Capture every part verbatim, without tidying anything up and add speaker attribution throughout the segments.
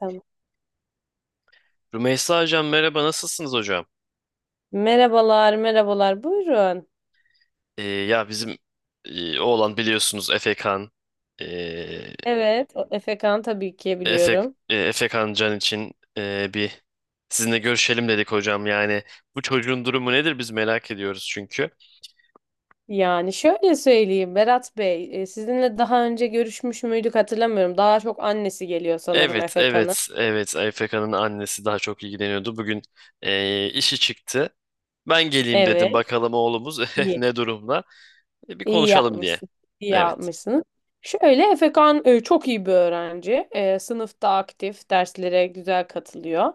Speaker 1: Tamam.
Speaker 2: Rümeysa Hocam merhaba, nasılsınız hocam?
Speaker 1: Merhabalar, merhabalar. Buyurun.
Speaker 2: Ee, ya bizim e, oğlan, biliyorsunuz, Efe Kan e,
Speaker 1: Evet, o Efekan tabii ki
Speaker 2: Efe,
Speaker 1: biliyorum.
Speaker 2: e, Efe Kan Can için e, bir sizinle görüşelim dedik hocam. Yani bu çocuğun durumu nedir, biz merak ediyoruz çünkü.
Speaker 1: Yani şöyle söyleyeyim Berat Bey, e, sizinle daha önce görüşmüş müydük hatırlamıyorum. Daha çok annesi geliyor sanırım
Speaker 2: Evet,
Speaker 1: Efekan'ın.
Speaker 2: evet, evet, Efe Kan'ın annesi daha çok ilgileniyordu. Bugün e, işi çıktı. Ben geleyim dedim,
Speaker 1: Evet.
Speaker 2: bakalım oğlumuz
Speaker 1: İyi.
Speaker 2: ne durumda. E, bir
Speaker 1: İyi
Speaker 2: konuşalım diye.
Speaker 1: yapmışsın. İyi
Speaker 2: Evet.
Speaker 1: yapmışsınız. Şöyle Efekan e, çok iyi bir öğrenci. E, sınıfta aktif, derslere güzel katılıyor.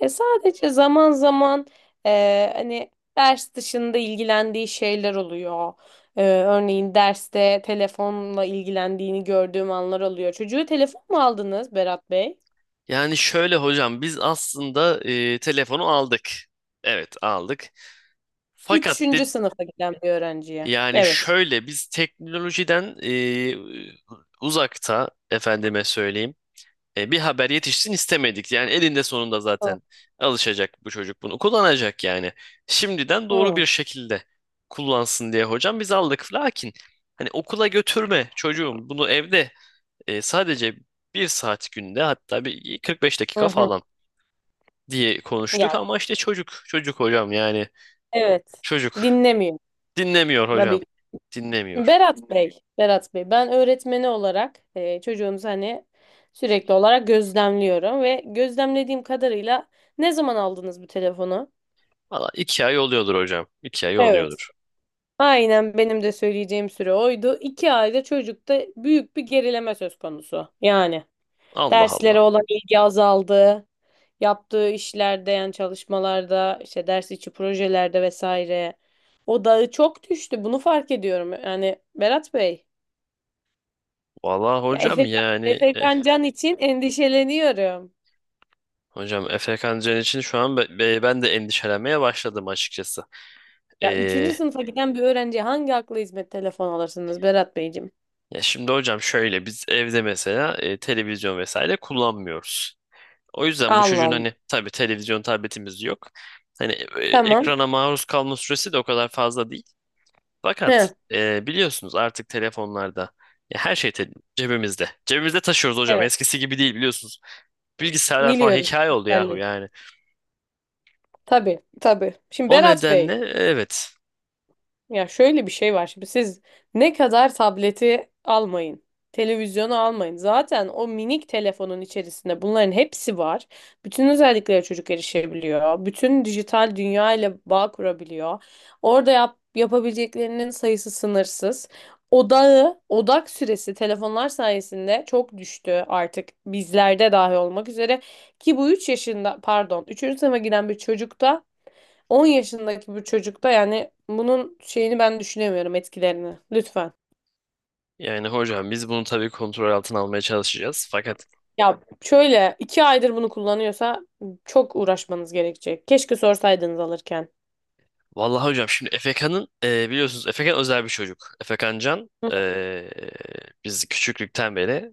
Speaker 1: E, sadece zaman zaman e, hani ders dışında ilgilendiği şeyler oluyor. E, örneğin derste telefonla ilgilendiğini gördüğüm anlar oluyor. Çocuğu telefon mu aldınız Berat Bey?
Speaker 2: Yani şöyle hocam, biz aslında e, telefonu aldık. Evet, aldık. Fakat de,
Speaker 1: Üçüncü sınıfa giden bir öğrenciye.
Speaker 2: Yani
Speaker 1: Evet.
Speaker 2: şöyle biz teknolojiden e, uzakta, efendime söyleyeyim, e, bir haber yetişsin istemedik. Yani elinde sonunda
Speaker 1: Hı.
Speaker 2: zaten alışacak bu çocuk, bunu kullanacak yani. Şimdiden doğru
Speaker 1: Hı
Speaker 2: bir şekilde kullansın diye hocam biz aldık. Lakin hani okula götürme çocuğum, bunu evde e, sadece bir saat günde, hatta bir kırk beş
Speaker 1: hı.
Speaker 2: dakika
Speaker 1: Hı.
Speaker 2: falan diye konuştuk
Speaker 1: Yani
Speaker 2: ama işte çocuk çocuk hocam, yani
Speaker 1: evet.
Speaker 2: çocuk
Speaker 1: Dinlemiyor.
Speaker 2: dinlemiyor hocam,
Speaker 1: Tabii
Speaker 2: dinlemiyor.
Speaker 1: Berat Bey, Berat Bey, ben öğretmeni olarak e, çocuğunuzu hani sürekli olarak gözlemliyorum ve gözlemlediğim kadarıyla ne zaman aldınız bu telefonu?
Speaker 2: Valla iki ay oluyordur hocam, iki ay
Speaker 1: Evet.
Speaker 2: oluyordur.
Speaker 1: Aynen benim de söyleyeceğim süre oydu. İki ayda çocukta büyük bir gerileme söz konusu. Yani
Speaker 2: Allah Allah.
Speaker 1: derslere olan ilgi azaldı, yaptığı işlerde yani çalışmalarda, işte ders içi projelerde vesaire. Odağı çok düştü. Bunu fark ediyorum. Yani Berat Bey.
Speaker 2: Valla
Speaker 1: Ya
Speaker 2: hocam,
Speaker 1: Efe,
Speaker 2: yani
Speaker 1: Efe
Speaker 2: eh,
Speaker 1: Kancan için endişeleniyorum.
Speaker 2: hocam Efe Kancan için şu an be- be- ben de endişelenmeye başladım açıkçası.
Speaker 1: Ya
Speaker 2: Ee,
Speaker 1: üçüncü sınıfa giden bir öğrenciye hangi akla hizmet telefon alırsınız Berat Beyciğim?
Speaker 2: ya şimdi hocam şöyle, biz evde mesela e, televizyon vesaire kullanmıyoruz. O yüzden bu
Speaker 1: Allah
Speaker 2: çocuğun,
Speaker 1: Allah.
Speaker 2: hani tabii, televizyon tabletimiz yok. Hani e,
Speaker 1: Tamam.
Speaker 2: ekrana maruz kalma süresi de o kadar fazla değil.
Speaker 1: He.
Speaker 2: Fakat e, biliyorsunuz, artık telefonlarda ya her şey te- cebimizde. Cebimizde taşıyoruz hocam.
Speaker 1: Evet.
Speaker 2: Eskisi gibi değil, biliyorsunuz. Bilgisayarlar falan
Speaker 1: Biliyorum.
Speaker 2: hikaye oldu yahu
Speaker 1: Belli.
Speaker 2: yani.
Speaker 1: Tabii, tabii. Şimdi
Speaker 2: O
Speaker 1: Berat
Speaker 2: nedenle
Speaker 1: Bey.
Speaker 2: evet.
Speaker 1: Ya şöyle bir şey var, şimdi siz ne kadar tableti almayın, televizyonu almayın. Zaten o minik telefonun içerisinde bunların hepsi var. Bütün özelliklere çocuk erişebiliyor. Bütün dijital dünya ile bağ kurabiliyor. Orada yap, yapabileceklerinin sayısı sınırsız. Odağı, odak süresi telefonlar sayesinde çok düştü artık bizlerde dahi olmak üzere. Ki bu üç yaşında pardon üçüncü sınıfa giden bir çocukta on yaşındaki bir çocukta yani bunun şeyini ben düşünemiyorum etkilerini. Lütfen.
Speaker 2: Yani hocam biz bunu tabii kontrol altına almaya çalışacağız. Fakat
Speaker 1: Ya şöyle iki aydır bunu kullanıyorsa çok uğraşmanız gerekecek. Keşke sorsaydınız alırken.
Speaker 2: vallahi hocam, şimdi Efekan'ın e, biliyorsunuz Efekan özel bir çocuk. Efekan Can
Speaker 1: Hı.
Speaker 2: e, biz küçüklükten beri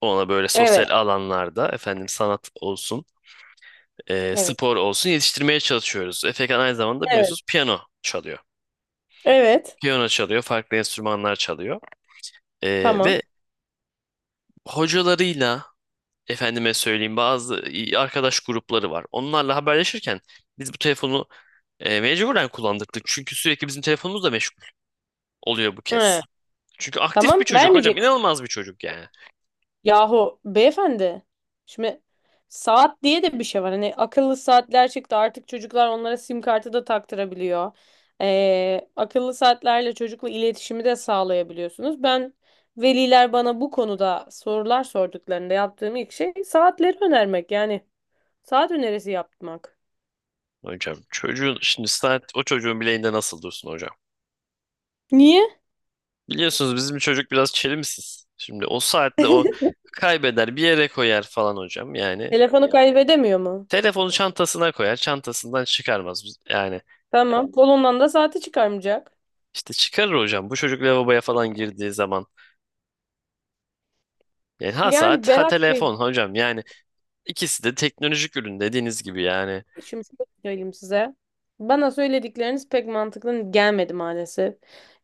Speaker 2: ona böyle
Speaker 1: Evet.
Speaker 2: sosyal alanlarda, efendim, sanat olsun, e,
Speaker 1: Evet.
Speaker 2: spor olsun yetiştirmeye çalışıyoruz. Efekan aynı zamanda
Speaker 1: Evet.
Speaker 2: biliyorsunuz piyano çalıyor.
Speaker 1: Evet.
Speaker 2: Piyano çalıyor, farklı enstrümanlar çalıyor. Ee,
Speaker 1: Tamam.
Speaker 2: ve hocalarıyla, efendime söyleyeyim, bazı arkadaş grupları var. Onlarla haberleşirken biz bu telefonu e, mecburen kullandırdık. Çünkü sürekli bizim telefonumuz da meşgul oluyor bu
Speaker 1: He.
Speaker 2: kez. Çünkü aktif bir
Speaker 1: Tamam.
Speaker 2: çocuk hocam,
Speaker 1: Vermeyecek.
Speaker 2: inanılmaz bir çocuk yani.
Speaker 1: Yahu beyefendi. Şimdi saat diye de bir şey var. Hani akıllı saatler çıktı. Artık çocuklar onlara sim kartı da taktırabiliyor. Ee, akıllı saatlerle çocukla iletişimi de sağlayabiliyorsunuz. Ben veliler bana bu konuda sorular sorduklarında yaptığım ilk şey saatleri önermek. Yani saat önerisi yapmak.
Speaker 2: Hocam, çocuğun şimdi saat o çocuğun bileğinde nasıl dursun hocam?
Speaker 1: Niye?
Speaker 2: Biliyorsunuz bizim çocuk biraz çelimsiz. Şimdi o saatle o kaybeder, bir yere koyar falan hocam yani.
Speaker 1: Telefonu kaybedemiyor mu?
Speaker 2: Telefonu çantasına koyar, çantasından çıkarmaz. Biz- Yani
Speaker 1: Tamam. Kolundan da saati çıkarmayacak.
Speaker 2: İşte çıkarır hocam, bu çocuk lavaboya falan girdiği zaman. Yani ha
Speaker 1: Yani
Speaker 2: saat ha
Speaker 1: Berat Bey.
Speaker 2: telefon hocam yani, ikisi de teknolojik ürün dediğiniz gibi yani.
Speaker 1: Şimdi şöyle söyleyeyim size. Bana söyledikleriniz pek mantıklı gelmedi maalesef.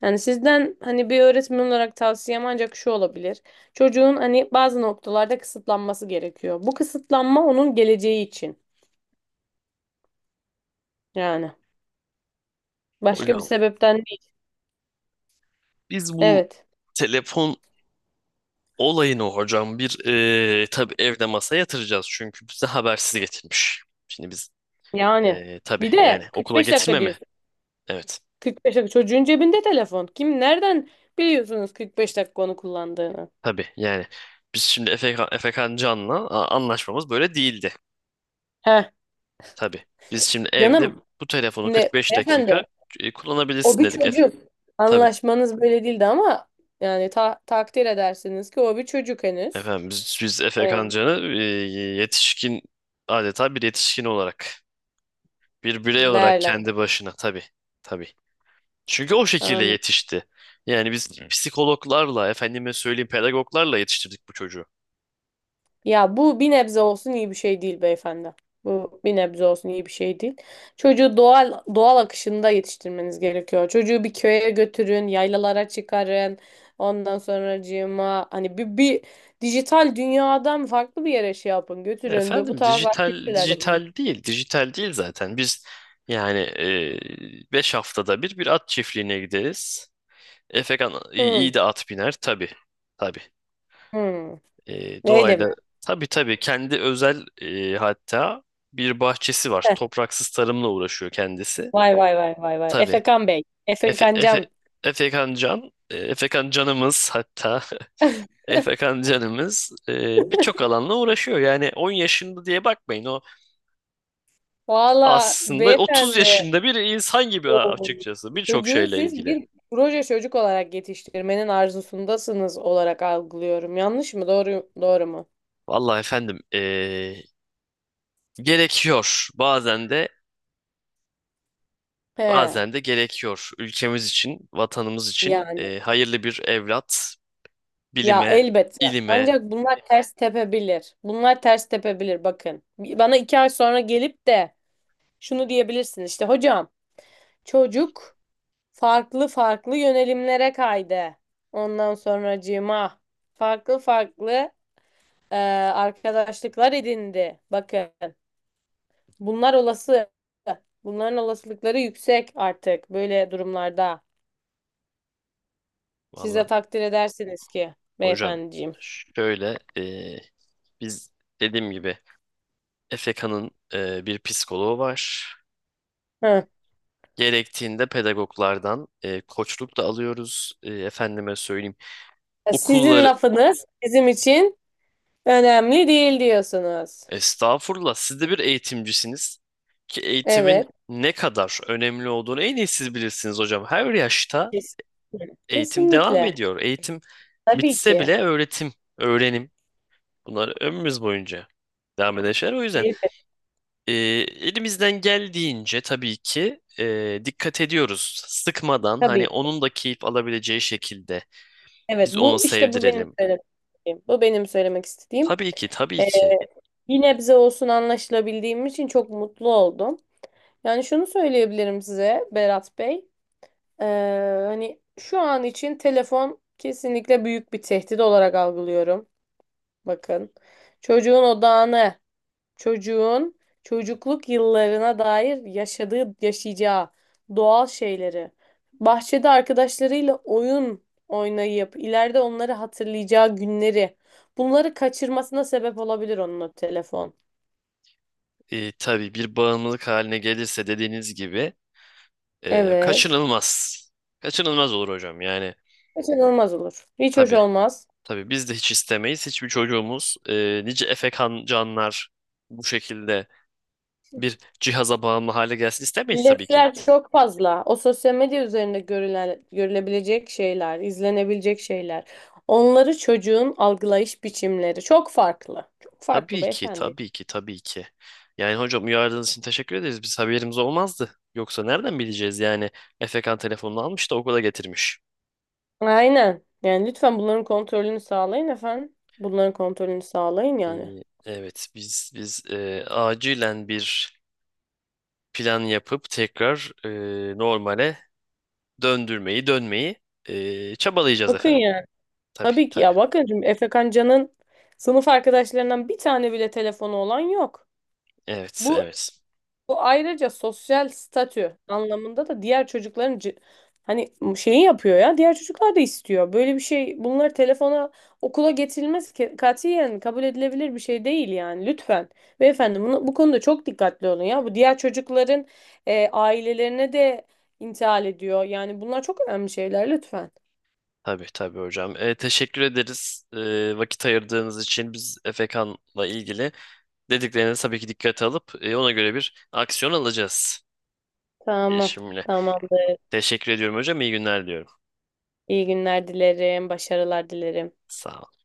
Speaker 1: Yani sizden hani bir öğretmen olarak tavsiyem ancak şu olabilir. Çocuğun hani bazı noktalarda kısıtlanması gerekiyor. Bu kısıtlanma onun geleceği için. Yani başka bir
Speaker 2: Hocam
Speaker 1: sebepten değil.
Speaker 2: biz bu
Speaker 1: Evet.
Speaker 2: telefon olayını hocam bir eee tabii evde masa yatıracağız çünkü bize habersiz getirmiş. Şimdi biz
Speaker 1: Yani
Speaker 2: eee tabii,
Speaker 1: bir
Speaker 2: yani
Speaker 1: de
Speaker 2: okula
Speaker 1: kırk beş dakika
Speaker 2: getirme mi?
Speaker 1: diyorsun.
Speaker 2: Evet.
Speaker 1: kırk beş dakika çocuğun cebinde telefon. Kim nereden biliyorsunuz kırk beş dakika onu kullandığını?
Speaker 2: Tabii yani biz şimdi Efekan, Efekan Can'la a- anlaşmamız böyle değildi.
Speaker 1: Heh
Speaker 2: Tabii biz şimdi evde
Speaker 1: canım.
Speaker 2: bu telefonu
Speaker 1: Şimdi
Speaker 2: kırk beş dakika
Speaker 1: efendi.
Speaker 2: e,
Speaker 1: O
Speaker 2: kullanabilirsin
Speaker 1: bir
Speaker 2: dedik. Efe,
Speaker 1: çocuk.
Speaker 2: tabii
Speaker 1: Anlaşmanız böyle değildi ama yani ta- takdir edersiniz ki o bir çocuk henüz.
Speaker 2: efendim, biz, biz
Speaker 1: Ee,
Speaker 2: Efekan Can'ı e, yetişkin, adeta bir yetişkin olarak, bir birey olarak
Speaker 1: değerlen.
Speaker 2: kendi başına, tabii, tabii. Çünkü o şekilde
Speaker 1: Anladım.
Speaker 2: yetişti. Yani biz psikologlarla, efendime söyleyeyim, pedagoglarla yetiştirdik bu çocuğu.
Speaker 1: Ya bu bir nebze olsun iyi bir şey değil beyefendi. Bu bir nebze olsun iyi bir şey değil. Çocuğu doğal doğal akışında yetiştirmeniz gerekiyor. Çocuğu bir köye götürün, yaylalara çıkarın. Ondan sonracığıma hani bir, bir dijital dünyadan farklı bir yere şey yapın, götürün. Böyle bu
Speaker 2: Efendim,
Speaker 1: tarz
Speaker 2: dijital
Speaker 1: aktiviteler yapın.
Speaker 2: dijital değil dijital değil zaten biz, yani e, beş haftada bir, bir at çiftliğine gideriz. Efekan iyi,
Speaker 1: Hı,
Speaker 2: iyi de at biner tabii, tabii.
Speaker 1: hı.
Speaker 2: E,
Speaker 1: Öyle mi?
Speaker 2: doğayla tabii, tabii, kendi özel e, hatta bir bahçesi var, topraksız tarımla uğraşıyor kendisi,
Speaker 1: Vay vay vay vay vay.
Speaker 2: tabii.
Speaker 1: Efekan Bey.
Speaker 2: Efe,
Speaker 1: Efekan
Speaker 2: Efe,
Speaker 1: Can.
Speaker 2: Efekan Can e, Efekan Canımız, hatta Efekan Canımız e, birçok alanla uğraşıyor, yani on yaşında diye bakmayın o.
Speaker 1: Valla
Speaker 2: Aslında otuz
Speaker 1: beyefendi.
Speaker 2: yaşında bir insan gibi,
Speaker 1: Oo.
Speaker 2: açıkçası birçok
Speaker 1: Çocuğu
Speaker 2: şeyle
Speaker 1: siz
Speaker 2: ilgili.
Speaker 1: bir proje çocuk olarak yetiştirmenin arzusundasınız olarak algılıyorum. Yanlış mı? Doğru, doğru mu?
Speaker 2: Vallahi efendim eee, gerekiyor, bazen de
Speaker 1: He.
Speaker 2: bazen de gerekiyor ülkemiz için, vatanımız için,
Speaker 1: Yani.
Speaker 2: eee, hayırlı bir evlat,
Speaker 1: Ya
Speaker 2: bilime,
Speaker 1: elbette.
Speaker 2: ilime.
Speaker 1: Ancak bunlar ters tepebilir. Bunlar ters tepebilir bakın. Bana iki ay sonra gelip de şunu diyebilirsin işte hocam, çocuk farklı farklı yönelimlere kaydı. Ondan sonracığıma farklı farklı e, arkadaşlıklar edindi. Bakın bunlar olası. Bunların olasılıkları yüksek artık böyle durumlarda. Siz de
Speaker 2: Vallahi
Speaker 1: takdir edersiniz ki
Speaker 2: hocam
Speaker 1: beyefendiciğim.
Speaker 2: şöyle, eee, biz dediğim gibi Efekanın eee, bir psikoloğu var.
Speaker 1: Hı.
Speaker 2: Gerektiğinde pedagoglardan eee, koçluk da alıyoruz. Eee, efendime söyleyeyim
Speaker 1: E, Sizin
Speaker 2: okulların.
Speaker 1: lafınız bizim için önemli değil diyorsunuz.
Speaker 2: Estağfurullah. Siz de bir eğitimcisiniz ki eğitimin
Speaker 1: Evet.
Speaker 2: ne kadar önemli olduğunu en iyi siz bilirsiniz hocam. Her yaşta
Speaker 1: Kesinlikle.
Speaker 2: eğitim devam
Speaker 1: Kesinlikle.
Speaker 2: ediyor. Eğitim
Speaker 1: Tabii
Speaker 2: bitse
Speaker 1: ki.
Speaker 2: bile öğretim, öğrenim, bunlar ömrümüz boyunca devam eden şeyler. O yüzden
Speaker 1: Elbette.
Speaker 2: e, elimizden geldiğince tabii ki e, dikkat ediyoruz. Sıkmadan, hani
Speaker 1: Tabii.
Speaker 2: onun da keyif alabileceği şekilde
Speaker 1: Evet,
Speaker 2: biz onu
Speaker 1: bu işte bu benim
Speaker 2: sevdirelim.
Speaker 1: söylemek istediğim. Bu benim söylemek istediğim.
Speaker 2: Tabii ki, tabii
Speaker 1: Ee,
Speaker 2: ki.
Speaker 1: bir nebze olsun anlaşılabildiğim için çok mutlu oldum. Yani şunu söyleyebilirim size Berat Bey. Ee, hani şu an için telefon kesinlikle büyük bir tehdit olarak algılıyorum. Bakın çocuğun odağını çocuğun çocukluk yıllarına dair yaşadığı, yaşayacağı doğal şeyleri, bahçede arkadaşlarıyla oyun oynayıp ileride onları hatırlayacağı günleri, bunları kaçırmasına sebep olabilir onun o telefon.
Speaker 2: E, tabii bir bağımlılık haline gelirse dediğiniz gibi e,
Speaker 1: Evet.
Speaker 2: kaçınılmaz. Kaçınılmaz olur hocam yani.
Speaker 1: Kaçınılmaz olur. Hiç hoş
Speaker 2: Tabii,
Speaker 1: olmaz.
Speaker 2: tabii, biz de hiç istemeyiz. Hiçbir çocuğumuz, e, nice efekan canlar bu şekilde bir cihaza bağımlı hale gelsin istemeyiz tabii ki.
Speaker 1: İletişimler çok fazla. O sosyal medya üzerinde görülen, görülebilecek şeyler, izlenebilecek şeyler. Onları çocuğun algılayış biçimleri çok farklı. Çok farklı
Speaker 2: Tabii ki,
Speaker 1: beyefendi.
Speaker 2: tabii ki, tabii ki. Yani hocam, uyardığınız için teşekkür ederiz. Biz haberimiz olmazdı. Yoksa nereden bileceğiz yani, efekan telefonunu almış da okula getirmiş.
Speaker 1: Aynen. Yani lütfen bunların kontrolünü sağlayın efendim. Bunların kontrolünü sağlayın yani.
Speaker 2: E, evet biz biz e, acilen bir plan yapıp tekrar e, normale döndürmeyi, dönmeyi e, çabalayacağız
Speaker 1: Bakın
Speaker 2: efendim.
Speaker 1: yani.
Speaker 2: Tabii,
Speaker 1: Tabii ki
Speaker 2: tabii.
Speaker 1: ya bakın şimdi Efe Kancan'ın sınıf arkadaşlarından bir tane bile telefonu olan yok.
Speaker 2: Evet,
Speaker 1: Bu
Speaker 2: evet.
Speaker 1: Bu ayrıca sosyal statü anlamında da diğer çocukların c- hani şeyi yapıyor ya. Diğer çocuklar da istiyor. Böyle bir şey bunlar telefona okula getirilmez ki katiyen kabul edilebilir bir şey değil yani. Lütfen. Beyefendi bunu, bu konuda çok dikkatli olun ya. Bu diğer çocukların e, ailelerine de intihal ediyor. Yani bunlar çok önemli şeyler lütfen.
Speaker 2: Tabii, tabii hocam. E, teşekkür ederiz, e, vakit ayırdığınız için. Biz Efe Kan'la ilgili dediklerinizi tabii ki dikkate alıp e, ona göre bir aksiyon alacağız. E,
Speaker 1: Tamam.
Speaker 2: Şimdi
Speaker 1: Tamamdır.
Speaker 2: teşekkür ediyorum hocam. İyi günler diyorum.
Speaker 1: İyi günler dilerim. Başarılar dilerim.
Speaker 2: Sağ olun.